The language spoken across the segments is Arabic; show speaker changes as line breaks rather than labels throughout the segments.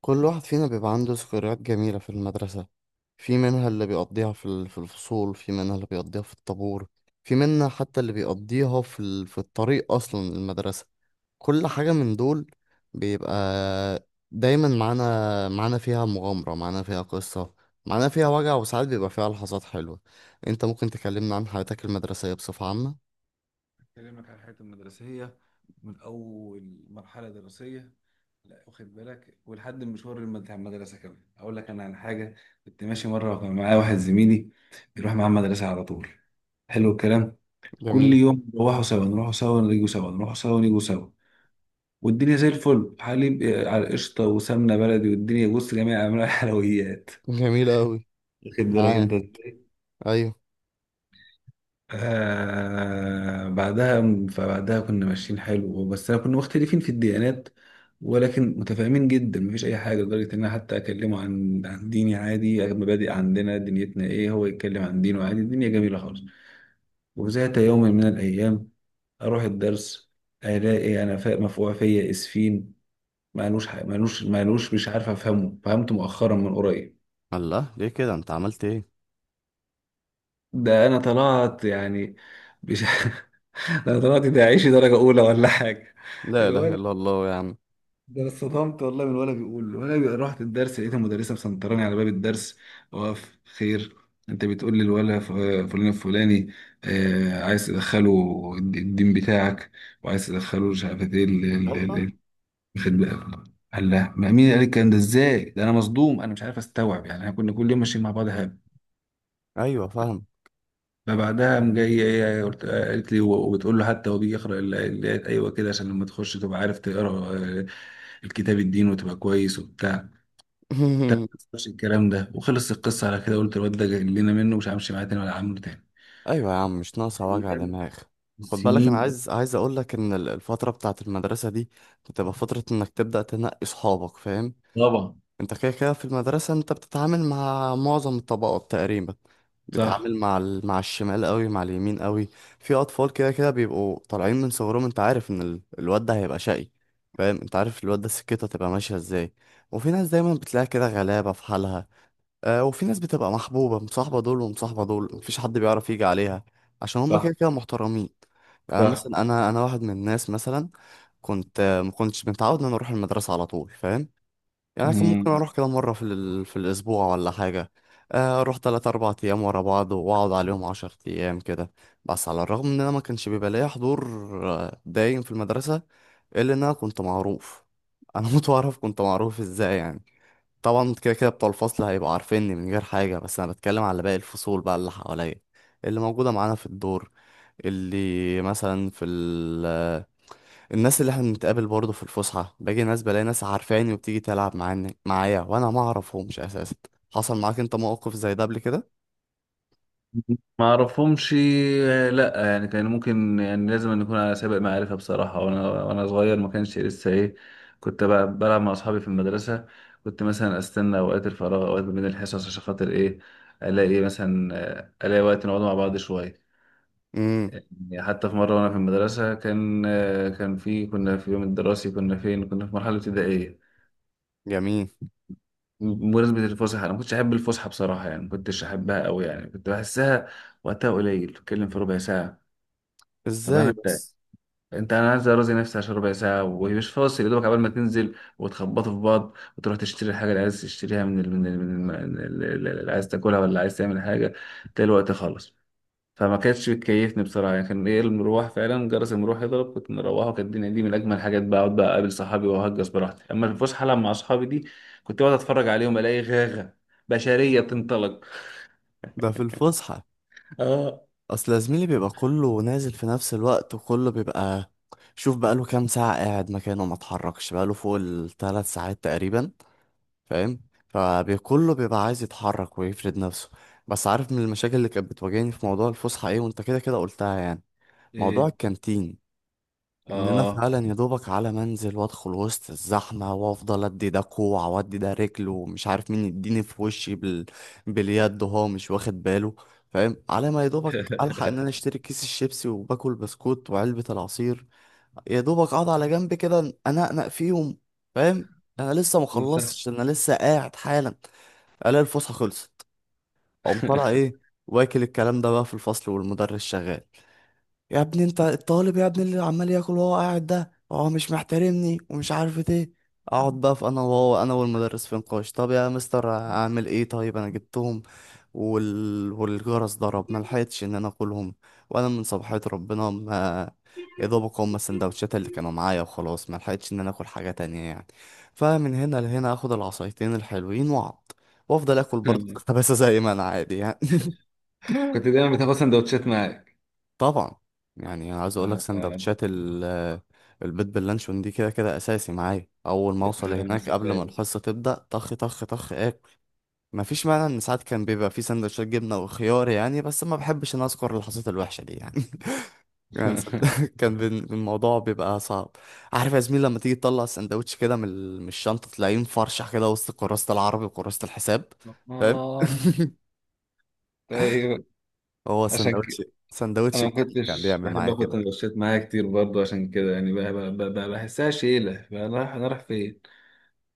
كل واحد فينا بيبقى عنده ذكريات جميلة في المدرسة. في منها اللي بيقضيها في في الفصول، في منها اللي بيقضيها في الطابور، في منها حتى اللي بيقضيها في في الطريق أصلا المدرسة. كل حاجة من دول بيبقى دايما معانا، فيها مغامرة، معانا فيها قصة، معانا فيها وجع، وساعات بيبقى فيها لحظات حلوة. انت ممكن تكلمنا عن حياتك المدرسية بصفة عامة؟
أكلمك على حياتي المدرسية، من أول مرحلة دراسية، لا واخد بالك، ولحد المشوار بتاع المدرسة. كمان أقول لك أنا عن حاجة. كنت ماشي مرة وكان معايا واحد زميلي بيروح معاه المدرسة على طول. حلو الكلام. كل
جميل.
يوم نروحوا سوا نروحوا سوا نيجوا سوا نروحوا سوا نيجوا سوا. والدنيا زي الفل، حليب على قشطة وسمنة بلدي، والدنيا بص، جميع أنواع الحلويات.
جميل أوي.
واخد بالك أنت؟
معاك. أيوه.
آه بعدها فبعدها كنا ماشيين، حلو. بس كنا مختلفين في الديانات، ولكن متفاهمين جدا، مفيش اي حاجه، لدرجه ان انا حتى اكلمه عن ديني عادي، مبادئ عندنا دنيتنا ايه، هو يتكلم عن دينه عادي، الدنيا جميله خالص. وذات يوم من الايام، اروح الدرس، الاقي انا مفقوع فيا اسفين. مالوش ح- مالوش مالوش مش عارف افهمه، فهمته مؤخرا من قريب.
الله، ليه كده، انت عملت ايه؟
ده انا طلعت يعني، مش ده انا طلعت، ده عيشي درجه اولى ولا حاجه.
لا اله
الولد،
الا الله يا عم.
ده انا اتصدمت والله، من ولا بيقول ولا رحت الدرس، لقيت المدرسه مسنطراني على باب الدرس، واقف، خير، انت بتقول لي فلان الفلاني، آه، عايز تدخله الدين بتاعك، وعايز تدخله مش عارف ايه
الله.
الخد بقى. قال لا، ما مين قال الكلام ده ازاي، ده انا مصدوم، انا مش عارف استوعب يعني، احنا كنا كل يوم ماشيين مع بعض هاب.
ايوه فاهم.
فبعدها قام جاي إيه، إيه، قالت لي، و- وبتقول له، حتى هو بيجي يقرا الايات، ايوه كده، عشان لما تخش تبقى عارف تقرا آه، الكتاب الدين، وتبقى كويس وبتاع. ده ما حصلش الكلام ده، وخلص القصه على كده، قلت الواد ده جاي لنا منه، مش همشي معاه تاني ولا عامله تاني.
ايوه يا عم، مش ناقصه وجع
أيام
دماغ. خد بالك، انا
السنين ده.
عايز اقول لك ان الفتره بتاعه المدرسه دي بتبقى فتره انك تبدا تنقي صحابك، فاهم؟
طبعا.
انت كده كده في المدرسه انت بتتعامل مع معظم الطبقات تقريبا.
صح،
بتتعامل مع مع الشمال قوي، مع اليمين قوي. في اطفال كده كده بيبقوا طالعين من صغرهم انت عارف ان الواد ده هيبقى شقي، فاهم؟ انت عارف الواد ده سكته تبقى ماشيه ازاي. وفي ناس دايما بتلاقي كده غلابه في حالها، وفي ناس بتبقى محبوبة، مصاحبة دول ومصاحبة دول، مفيش حد بيعرف يجي عليها، عشان هما كده
صح،
كده محترمين. يعني
صح.
مثلا أنا، واحد من الناس مثلا، كنت ما كنتش متعود إن أنا أروح المدرسة على طول، فاهم؟ يعني كان ممكن
مم.
أروح كده مرة في الأسبوع ولا حاجة. أروح تلات أربع أيام ورا بعض وأقعد عليهم عشر أيام كده. بس على الرغم إن أنا ما كانش بيبقى ليا حضور دايم في المدرسة، إلا إن أنا كنت معروف. أنا كنت معروف إزاي يعني؟ طبعا كده كده بتوع الفصل هيبقوا عارفيني من غير حاجة، بس أنا بتكلم على باقي الفصول بقى اللي حواليا، اللي موجودة معانا في الدور، اللي مثلا في ال... الناس اللي احنا بنتقابل برضه في الفسحة، باجي ناس بلاقي ناس عارفاني وبتيجي تلعب معانا، معايا وأنا ما أعرفهمش أساسا. حصل معاك أنت موقف زي ده قبل كده؟
ما اعرفهمش. لا يعني كان ممكن، يعني لازم أن يكون على سابق معرفه بصراحه. وانا صغير، ما كانش لسه ايه. كنت بلعب مع اصحابي في المدرسه، كنت مثلا استنى اوقات الفراغ، اوقات ما بين الحصص، عشان خاطر ايه، الاقي مثلا آه، الاقي وقت نقعد مع بعض شويه.
امم.
يعني حتى في مرة وأنا في المدرسة، كان في، كنا في يوم الدراسي، كنا فين، كنا في مرحلة ابتدائية.
جميل.
بمناسبة الفسحة، أنا ما كنتش أحب الفسحة بصراحة يعني، ما كنتش أحبها أوي يعني، كنت بحسها وقتها قليل، بتتكلم في ربع ساعة. طب أنا
ازاي
أنت
بس؟
أنت أنا عايز أرازي نفسي عشان ربع ساعة، ومش فاصل يا دوبك، قبل ما تنزل وتخبطوا في بعض وتروح تشتري الحاجة اللي عايز تشتريها، من ال- من ال- من الم- من ال- اللي عايز تاكلها ولا عايز تعمل حاجة، تلاقي الوقت خلص. فما كانتش بتكيفني بصراحه يعني، كان ايه، المروح فعلا، جرس المروح يضرب كنت مروحه، وكانت الدنيا دي من اجمل الحاجات، بقى اقعد، بقى اقابل صحابي، واهجس براحتي. اما الفسحه لما مع اصحابي دي، كنت اقعد اتفرج عليهم، الاقي غاغه بشريه بتنطلق.
ده في الفسحة.
اه.
اصل يا زميلي بيبقى كله نازل في نفس الوقت، وكله بيبقى، شوف بقاله كام ساعة قاعد مكانه ما اتحركش، بقاله فوق الثلاث ساعات تقريبا، فاهم؟ فكله بيبقى عايز يتحرك ويفرد نفسه. بس عارف من المشاكل اللي كانت بتواجهني في موضوع الفسحة ايه، وانت كده كده قلتها يعني؟ موضوع
ايه.
الكانتين. ان انا
اه.
فعلا يا دوبك على منزل وادخل وسط الزحمه، وافضل ادي ده كوع وادي ده رجل، ومش عارف مين يديني في وشي باليد وهو مش واخد باله، فاهم؟ على ما يا دوبك الحق ان انا اشتري كيس الشيبسي وباكل بسكوت وعلبه العصير، يا دوبك اقعد على جنب كده، انقنق فيهم، فاهم؟ انا لسه ما
صح.
خلصتش، انا لسه قاعد حالا، الاقي الفسحه خلصت. اقوم طالع ايه، واكل الكلام ده بقى في الفصل والمدرس شغال: يا ابني انت الطالب يا ابني اللي عمال ياكل وهو قاعد، ده هو مش محترمني ومش عارف ايه. اقعد بقى في، انا وهو، انا والمدرس في نقاش: طب يا مستر اعمل ايه، طيب انا جبتهم والجرس ضرب، ما لحقتش ان انا اكلهم، وانا من صباحية ربنا ما، يا دوبك هما السندوتشات اللي كانوا معايا وخلاص، ما لحقتش ان انا اكل حاجة تانية يعني. فمن هنا لهنا اخد العصايتين الحلوين واقعد وافضل اكل برضه خباثة زي ما انا عادي يعني.
كنت دايما بتاخد سندوتشات معاك؟
طبعا. يعني انا عايز اقول لك
اه. آه.
سندوتشات البيض باللانشون دي كده كده اساسي معايا، اول ما
يا
اوصل
سلام يا
هناك قبل ما
سلام.
الحصه تبدا طخ طخ طخ اكل. مفيش مانع ان ساعات كان بيبقى في سندوتشات جبنه وخيار يعني، بس ما بحبش ان اذكر اللحظات الوحشه دي يعني. يعني صد- الموضوع بيبقى صعب. عارف يا زميل لما تيجي تطلع السندوتش كده من من الشنطه تلاقيه مفرشح كده وسط كراسه العربي وكراسه الحساب، فاهم؟
اه. طيب،
هو
عشان
سندوتش،
كده
سندوتش
انا ما
الجبنه كان
كنتش
بيعمل
بحب
معايا
اخد
كده.
سندوتشات معايا كتير برضه، عشان كده يعني، بقى بحسها شيله، بقى رايح فين.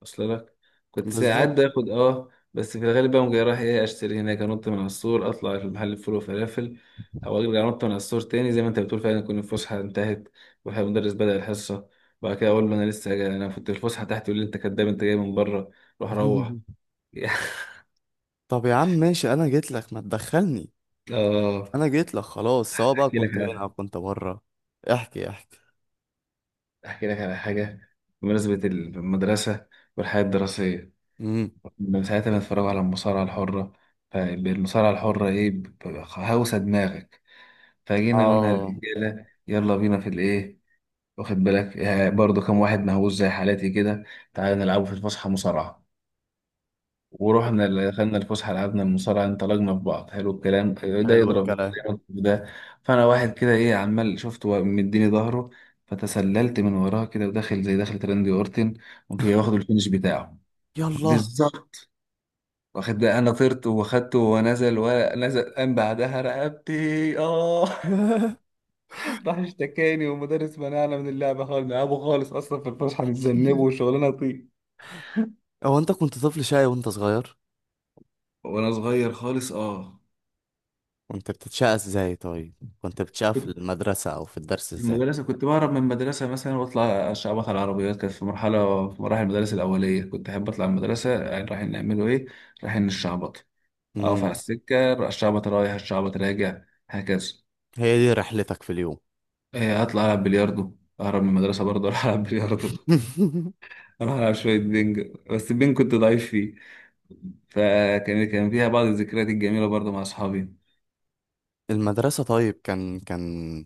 اصل لك، كنت ساعات
بالظبط.
باخد اه، بس في الغالب بقى جاي رايح ايه، اشتري هناك، انط من على السور، اطلع في محل فول وفلافل، او ارجع انط من على السور تاني، زي ما انت بتقول، فعلا تكون الفسحه انتهت والمدرس بدأ الحصه. وبعد كده اقول له انا لسه جاي، انا كنت في الفسحه تحت، يقول لي انت كداب، انت جاي من بره، روح روح.
طب يا عم ماشي انا جيت لك ما تدخلني،
اه.
انا جيت لك خلاص، سواء بقى
احكي لك
كنت هنا
على
او كنت بره. احكي، احكي.
احكي لك على حاجه، بمناسبه المدرسه والحياه الدراسيه.
امم.
من ساعتها بنتفرج على المصارعه الحره، فالمصارعه الحره ايه، هوسه دماغك. فجينا قلنا
اه.
للرجاله، يلا بينا في الايه، واخد بالك برضو، كام واحد مهووس زي حالاتي كده، تعالى نلعبوا في الفسحه مصارعه. ورحنا دخلنا الفسحه، لعبنا المصارعه، انطلقنا في بعض، حلو الكلام، ده
حلو
يضرب ده،
الكلام.
يضرب ده. فانا واحد كده ايه، عمال شفته مديني ظهره، فتسللت من وراه كده، وداخل زي دخلة راندي اورتن، قمت جاي واخد الفينش بتاعه.
يلا.
بالظبط. واخد بقى، انا طرت واخدته، ونزل ونزل، قام بعدها رقبتي. اه. راح اشتكاني، ومدرس منعنا من اللعبة خالص، نلعبه خالص أصلا في الفسحة بنتذنبه وشغلانة طين.
هو انت كنت طفل شقي وانت صغير؟
وانا صغير خالص. اه.
كنت بتتشقى ازاي طيب؟ كنت بتشقى في
كنت
المدرسة او في الدرس
في
ازاي؟
المدرسه كنت بهرب من المدرسه مثلا، واطلع اشعبط على العربيات، كانت في مراحل المدارس الاوليه، كنت احب اطلع من المدرسه، يعني رايحين نعمله ايه، رايحين نشعبط، اقف على
امم.
السكه، الشعبط رايح الشعبط راجع، هكذا.
هي دي رحلتك في اليوم؟
إيه، اطلع العب بلياردو، اهرب من المدرسه برضه، اروح العب بلياردو. اروح العب شويه بينج، بس البينج كنت ضعيف فيه. فكان فيها بعض الذكريات الجميلة برضه مع أصحابي.
المدرسة طيب، كان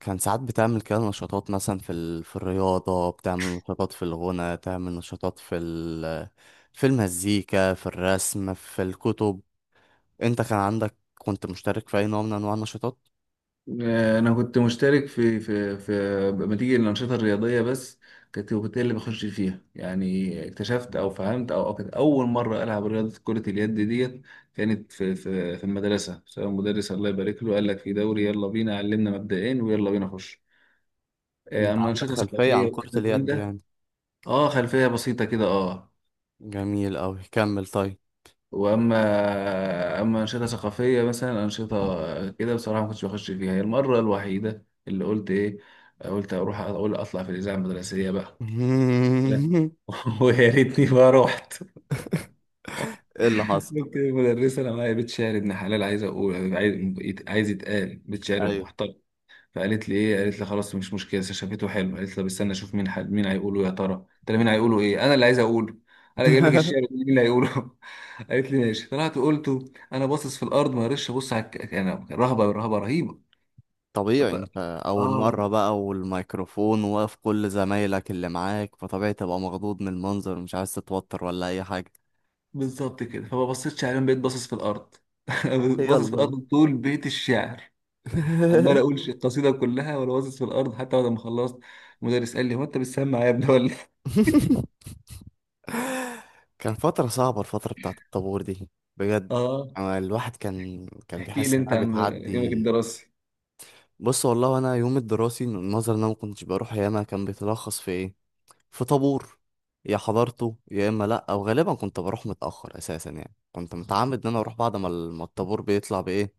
كان ساعات بتعمل كده نشاطات مثلا في في الرياضة، بتعمل نشاطات في الغنى، تعمل نشاطات في، في المزيكا، في الرسم، في الكتب. انت كان عندك، كنت مشترك في اي نوع من انواع النشاطات؟
انا كنت مشترك في بنتيجة الانشطه الرياضيه بس. كنت اللي بخش فيها يعني، اكتشفت او فهمت أو كانت اول مره العب رياضه كره اليد ديت، كانت في المدرسه، سواء مدرس الله يبارك له، قال لك في دوري، يلا بينا علمنا مبدئين، ويلا بينا خش.
انت
اما
عندك
انشطه
خلفية
ثقافيه
عن كرة
والكلام من
اليد
ده.
يعني؟
اه، خلفيه بسيطه كده. اه.
جميل اوي، كمل طيب.
واما، انشطه ثقافيه مثلا، انشطه كده بصراحه ما كنتش بخش فيها، هي المره الوحيده اللي قلت ايه، قلت اروح اقول اطلع في الاذاعه المدرسيه بقى. لا. ويا ريتني ما رحت.
ايه اللي حصل؟
قلت المدرسه انا معايا بيت شعر ابن حلال، عايز يتقال بيت شعر
ايوه.
محترم. فقالت لي ايه قالت لي خلاص مش مشكله، شافته حلو، قالت لي بستنى اشوف مين هيقوله يا ترى. قلت لها مين هيقوله ايه، انا اللي عايز اقوله، انا جايب لك الشعر، مين اللي هيقوله. قالت لي ماشي، طلعت قلته. انا باصص في الارض، ما قدرتش ابص على انا رهبه رهبه رهيبه. ط-
طبيعي انت، اول
اه
مرة بقى والميكروفون واقف كل زمايلك اللي معاك، فطبيعي تبقى مخضوض من المنظر، مش عايز تتوتر ولا اي حاجة.
بالظبط كده، فما بصيتش عليهم، بقيت باصص في الارض. باصص في
يلا.
الارض طول بيت الشعر، عمال اقول القصيده كلها وانا باصص في الارض، حتى بعد ما خلصت المدرس قال لي، هو انت بتسمع يا ابني ولا إيه؟
كان فترة صعبة الفترة بتاعت الطابور دي، بجد.
اه.
أنا الواحد كان
احكي
بيحس
لي انت
إنها
عن يومك
بتعدي.
الدراسي.
بص والله أنا يوم الدراسي النظر إن أنا ما كنتش بروح ياما، كان بيتلخص في إيه، في طابور يا حضرته، يا إما لأ، أو غالبا كنت بروح متأخر أساسا، يعني كنت متعمد إن أنا أروح بعد ما الطابور بيطلع بإيه،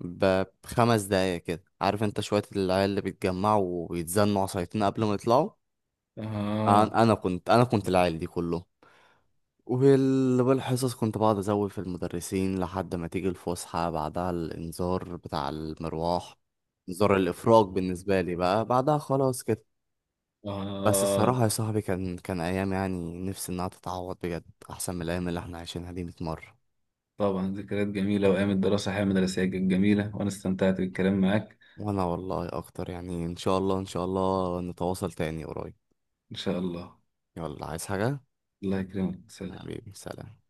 بخمس دقايق كده، عارف أنت شوية العيال اللي بيتجمعوا ويتزنوا عصايتين قبل ما يطلعوا؟
آه.
أنا كنت العيال دي كلهم. والحصص كنت بقعد ازود في المدرسين لحد ما تيجي الفسحة، بعدها الانذار بتاع المروح، انذار الافراج بالنسبة لي بقى، بعدها خلاص كده. بس
آه.
الصراحة يا صاحبي كان ايام يعني نفسي انها تتعوض بجد، احسن من الايام اللي احنا عايشينها دي 100 مرة.
طبعا، ذكريات جميلة، وأيام الدراسة، حياة مدرسية كانت جميلة، وأنا استمتعت بالكلام معاك.
وانا والله اكتر يعني، ان شاء الله ان شاء الله نتواصل تاني قريب.
إن شاء الله.
يلا، عايز حاجة؟
الله يكرمك. سلام.
حبيبي سلام.